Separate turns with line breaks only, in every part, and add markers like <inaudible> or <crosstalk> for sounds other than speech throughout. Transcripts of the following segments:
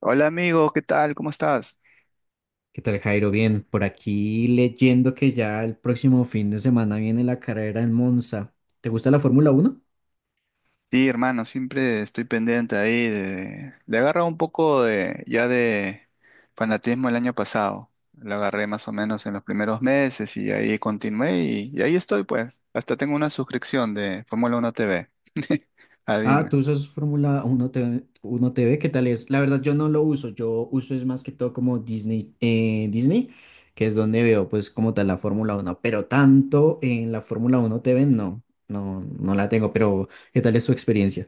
Hola amigo, ¿qué tal? ¿Cómo estás?
¿Qué tal, Jairo? Bien, por aquí leyendo que ya el próximo fin de semana viene la carrera en Monza. ¿Te gusta la Fórmula Uno?
Sí, hermano, siempre estoy pendiente ahí. Le agarra un poco de ya de fanatismo el año pasado. Lo agarré más o menos en los primeros meses y ahí continué y ahí estoy pues. Hasta tengo una suscripción de Fórmula 1 TV. <laughs>
Ah,
Adivina.
tú usas Fórmula 1 TV, 1 TV, ¿qué tal es? La verdad yo no lo uso, yo uso es más que todo como Disney, Disney, que es donde veo pues como tal la Fórmula Uno, pero tanto en la Fórmula Uno T V no la tengo, pero ¿qué tal es tu experiencia?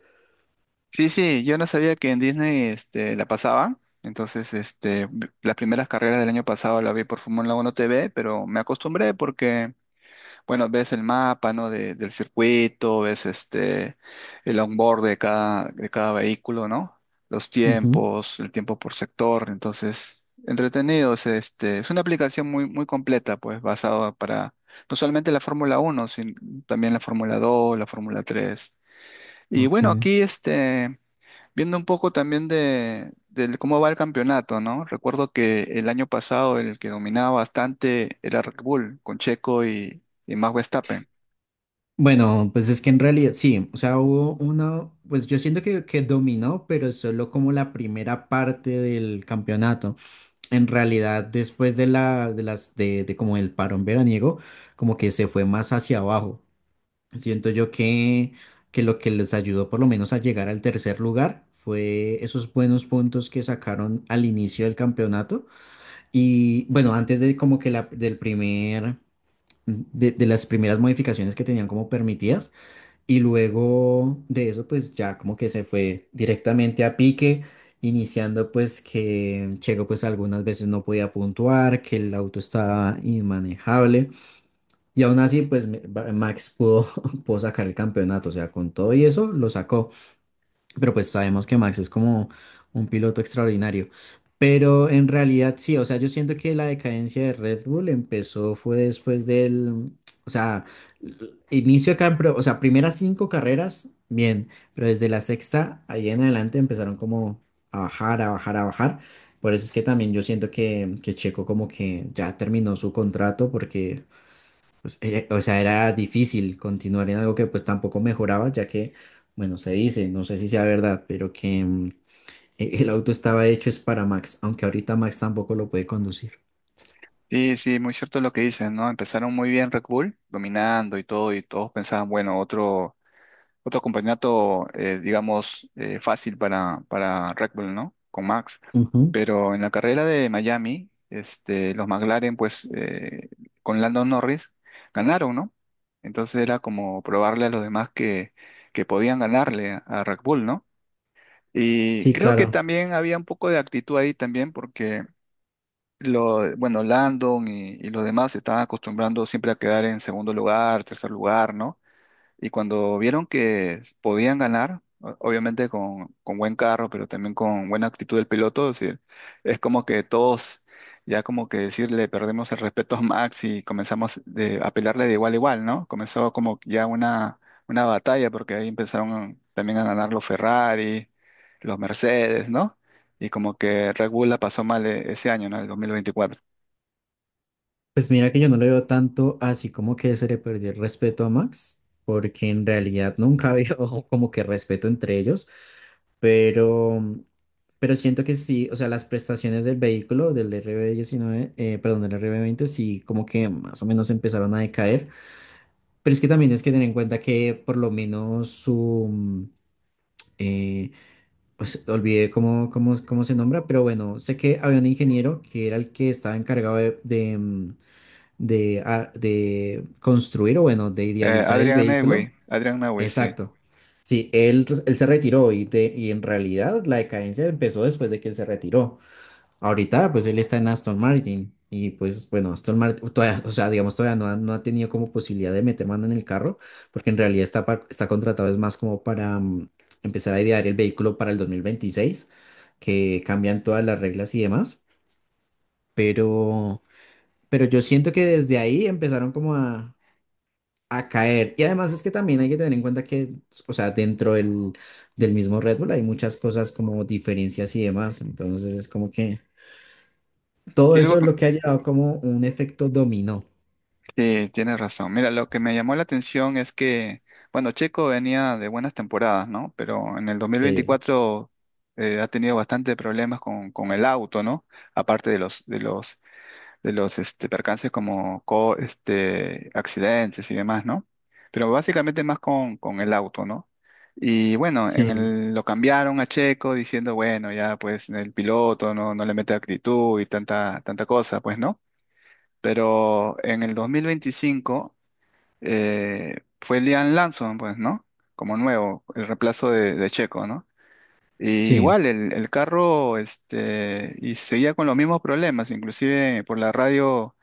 Sí, sí, yo no sabía que en Disney la pasaba. Entonces, las primeras carreras del año pasado la vi por Fórmula 1 TV, pero me acostumbré porque bueno, ves el mapa, ¿no? Del circuito, ves el onboard de cada vehículo, ¿no? Los
Ujú,
tiempos, el tiempo por sector. Entonces, entretenido. Es una aplicación muy, muy completa, pues, basada para no solamente la Fórmula Uno sino también la Fórmula Dos, la Fórmula Tres. Y
ok.
bueno, aquí, viendo un poco también del cómo va el campeonato, ¿no? Recuerdo que el año pasado el que dominaba bastante era Red Bull, con Checo y Max Verstappen.
Bueno, pues es que en realidad sí, o sea, hubo una, pues yo siento que dominó, pero solo como la primera parte del campeonato. En realidad, después de de como el parón veraniego, como que se fue más hacia abajo. Siento yo que lo que les ayudó por lo menos a llegar al tercer lugar fue esos buenos puntos que sacaron al inicio del campeonato. Y bueno, antes de como que la, del primer, de las primeras modificaciones que tenían como permitidas. Y luego de eso, pues ya como que se fue directamente a pique, iniciando pues que Checo pues algunas veces no podía puntuar, que el auto estaba inmanejable. Y aún así, Max pudo, <laughs> pudo sacar el campeonato, o sea, con todo y eso lo sacó. Pero pues sabemos que Max es como un piloto extraordinario. Pero en realidad sí, o sea, yo siento que la decadencia de Red Bull empezó fue después del, o sea, l- inicio acá, o sea, primeras cinco carreras, bien, pero desde la sexta ahí en adelante empezaron como a bajar, a bajar, a bajar. Por eso es que también yo siento que Checo como que ya terminó su contrato porque o sea, era difícil continuar en algo que pues tampoco mejoraba, ya que, bueno, se dice, no sé si sea verdad, pero que el auto estaba hecho es para Max, aunque ahorita Max tampoco lo puede conducir.
Sí, sí, muy cierto lo que dices, ¿no? Empezaron muy bien Red Bull, dominando y todo, y todos pensaban, bueno, otro, otro campeonato, digamos, fácil para Red Bull, ¿no? Con Max.
Ujú.
Pero en la carrera de Miami, los McLaren, pues, con Lando Norris, ganaron, ¿no? Entonces era como probarle a los demás que podían ganarle a Red Bull, ¿no? Y
Sí,
creo que
claro.
también había un poco de actitud ahí también, porque bueno, Landon y los demás se estaban acostumbrando siempre a quedar en segundo lugar, tercer lugar, ¿no? Y cuando vieron que podían ganar, obviamente con buen carro, pero también con buena actitud del piloto, es decir, es como que todos ya como que decirle perdemos el respeto a Max y comenzamos a pelearle de igual a igual, ¿no? Comenzó como ya una batalla porque ahí empezaron también a ganar los Ferrari, los Mercedes, ¿no? Y como que Red Bull la pasó mal, ese año, ¿no? El 2024.
Pues mira que yo no le veo tanto así como que se le perdió el respeto a Max, porque en realidad nunca había <laughs> como que respeto entre ellos, pero, pero siento que sí, o sea, las prestaciones del vehículo, del RB19, perdón, del RB20 sí como que más o menos empezaron a decaer, pero es que también es que tener en cuenta que por lo menos eh, pues olvidé cómo se nombra, pero bueno, sé que había un ingeniero que era el que estaba encargado de construir o bueno, de idealizar el
Adrian Newey,
vehículo.
Adrian Newey, sí.
Exacto. Sí, él, pues, él se retiró y en realidad la decadencia empezó después de que él se retiró. Ahorita pues él está en Aston Martin y pues bueno, Aston Martin todavía, o sea, digamos todavía no ha tenido como posibilidad de meter mano en el carro porque en realidad está contratado es más como para empezar a idear el vehículo para el 2026 que cambian todas las reglas y demás, pero... Pero yo siento que desde ahí empezaron como a caer. Y además es que también hay que tener en cuenta que, o sea, del mismo Red Bull hay muchas cosas como diferencias y demás. Entonces es como que
Sí,
todo eso
algo.
es lo que ha llevado como un efecto dominó.
Sí, tienes razón. Mira, lo que me llamó la atención es que, bueno, Checo venía de buenas temporadas, ¿no? Pero en el
Sí,
2024 ha tenido bastante problemas con el auto, ¿no? Aparte de los percances como accidentes y demás, ¿no? Pero básicamente más con el auto, ¿no? Y bueno,
sí,
lo cambiaron a Checo diciendo, bueno, ya pues el piloto no le mete actitud y tanta, tanta cosa, pues, ¿no? Pero en el 2025 fue Liam Lawson, pues, ¿no? Como nuevo, el reemplazo de Checo, ¿no? Y
sí,
igual el carro, y seguía con los mismos problemas, inclusive por la radio,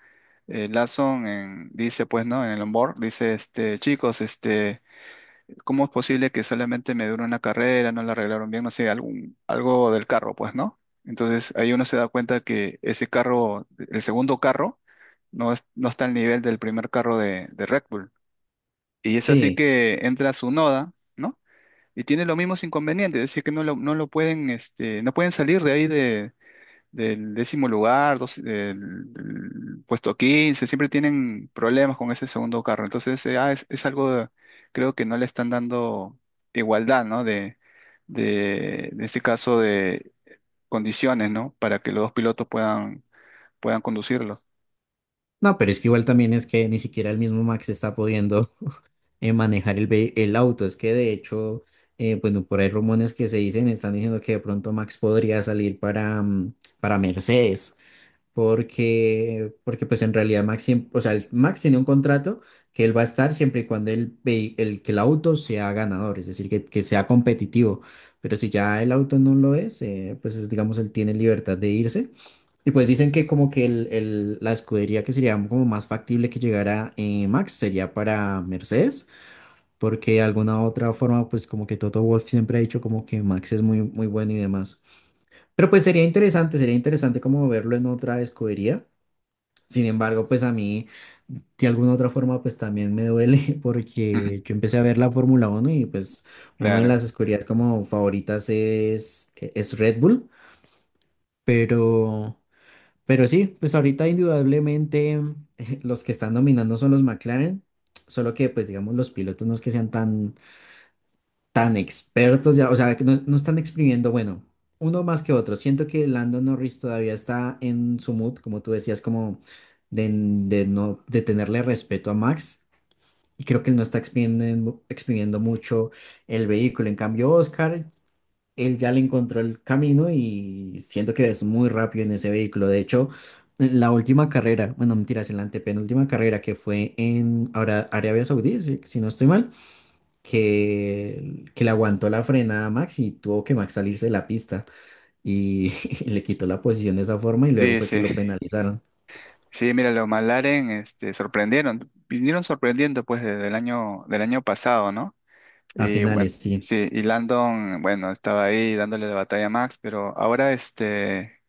Lawson dice, pues, ¿no? En el onboard, dice, chicos, ¿cómo es posible que solamente me dure una carrera, no la arreglaron bien, no sé, algo del carro, pues, ¿no? Entonces ahí uno se da cuenta que ese carro, el segundo carro, no, no está al nivel del primer carro de Red Bull. Y es así
sí.
que entra su noda, ¿no? Y tiene los mismos inconvenientes, es decir, que no lo pueden, no pueden salir de ahí del décimo lugar, del puesto 15, siempre tienen problemas con ese segundo carro. Entonces, es algo, creo que no le están dando igualdad, ¿no? De, en este caso, de condiciones, ¿no? Para que los dos pilotos puedan conducirlos.
No, pero es que igual también es que ni siquiera el mismo Max está pudiendo manejar el auto. Es que de hecho, bueno, por ahí rumores que se dicen, están diciendo que de pronto Max podría salir para Mercedes. Porque, porque pues en realidad Max, siem- o sea, el- Max tiene un contrato que él va a estar siempre y cuando que el auto sea ganador, es decir, que sea competitivo. Pero si ya el auto no lo es, pues es, digamos, él tiene libertad de irse. Y pues dicen que como que la escudería que sería como más factible que llegara Max sería para Mercedes, porque de alguna otra forma pues como que Toto Wolff siempre ha dicho como que Max es muy, muy bueno y demás. Pero pues sería interesante como verlo en otra escudería. Sin embargo, pues a mí, de alguna u otra forma, pues también me duele <laughs>
<laughs> Ujú.
porque yo empecé a ver la Fórmula uno y pues una de
Claro.
las escuderías como favoritas es Red Bull, pero, pero sí, pues ahorita indudablemente <laughs> los que están dominando son los McLaren, solo que pues digamos los pilotos no es que sean tan tan expertos ya, o sea, que no, no están exprimiendo, bueno, uno más que otro. Siento que Lando Norris todavía está en su mood, como tú decías, como de no, de tenerle respeto a Max. Y creo que él no está exprimiendo, exprimiendo mucho el vehículo. En cambio, Oscar, él ya le encontró el camino y siento que es muy rápido en ese vehículo. De hecho, en la última carrera, bueno, mentiras, en la antepenúltima carrera que fue en ahora Arabia Saudí, si no estoy mal que le aguantó la frenada a Max y tuvo que Max salirse de la pista y, <laughs> y le quitó la posición de esa forma y luego
Sí,
fue que lo
sí.
penalizaron
Sí, mira, los Malaren, sorprendieron, vinieron sorprendiendo pues desde del año pasado, ¿no?
a
Y bueno,
finales, sí,
sí, y Landon, bueno, estaba ahí dándole la batalla a Max, pero ahora este,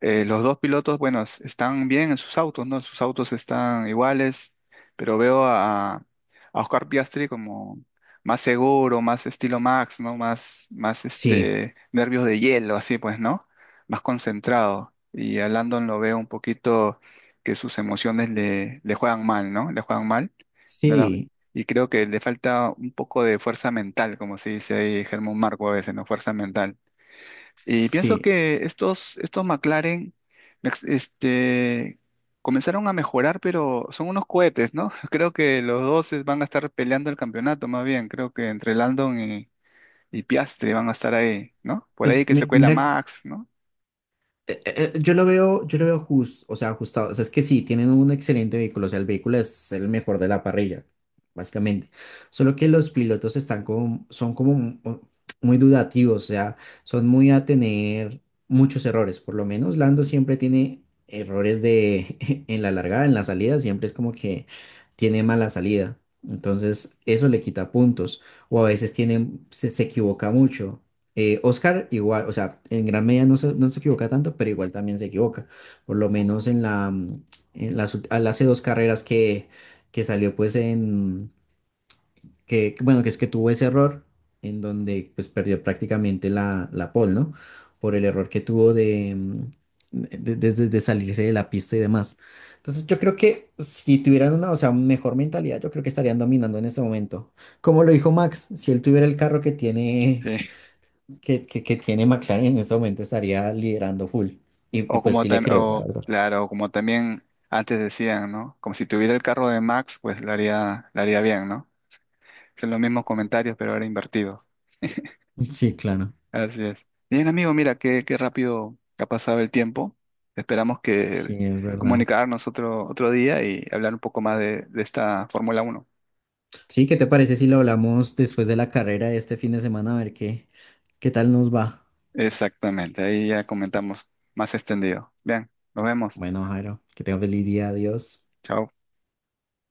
eh, los dos pilotos, bueno, están bien en sus autos, ¿no? Sus autos están iguales, pero veo a Oscar Piastri como más seguro, más estilo Max, ¿no? Más, más
sí,
nervios de hielo, así pues, ¿no? Más concentrado. Y a Landon lo veo un poquito que sus emociones le juegan mal, ¿no? Le juegan mal. No. la-
sí,
y creo que le falta un poco de fuerza mental, como se dice ahí Germán Marco a veces, ¿no? Fuerza mental. Y pienso
sí.
que estos McLaren mex- este, comenzaron a mejorar, pero son unos cohetes, ¿no? <laughs> Creo que los dos van a estar peleando el campeonato, más bien. Creo que entre Landon y Piastri van a estar ahí, ¿no? Por ahí
Pues
que se cuela
mira,
Max, ¿no?
Yo lo veo, yo lo veo justo, o sea, ajustado. O sea, es que sí, tienen un excelente vehículo, o sea, el vehículo es el mejor de la parrilla, básicamente. Solo que los pilotos están como, son muy dudativos, o sea, son muy a tener muchos errores. Por lo menos Lando siempre tiene errores de <laughs> en la largada, en la salida, siempre es como que tiene mala salida. Entonces, eso le quita puntos. O a veces se equivoca mucho. Oscar igual, o sea, en gran medida no se equivoca tanto, pero igual también se equivoca. Por lo menos en la, mm, en las, ult- al- hace 2 carreras que salió pues en, que, bueno, que es que tuvo ese error en donde pues perdió prácticamente la, la pole, ¿no? Por el error que tuvo de, mm, de salirse de la pista y demás. Entonces yo creo que si tuvieran una, o sea, mejor mentalidad, yo creo que estarían dominando en este momento. Como lo dijo Max, si él tuviera el carro que tiene
Sí.
que tiene McLaren en este momento estaría liderando full. Y
O
pues
como,
sí le creo, la
o,
verdad.
claro, como también antes decían, ¿no? Como si tuviera el carro de Max, pues lo haría bien, ¿no? Son los mismos comentarios, pero ahora invertidos.
Sí, claro.
Así es. Bien, amigo, mira qué rápido que ha pasado el tiempo. Esperamos que
Sí, es verdad.
comunicarnos otro día y hablar un poco más de esta Fórmula Uno.
Sí, ¿qué te parece si lo hablamos después de la carrera de este fin de semana? A ver qué, qué tal nos va.
Exactamente, ahí ya comentamos más extendido. Bien, nos vemos.
Bueno, Jairo, que tenga feliz día. Adiós.
Chao.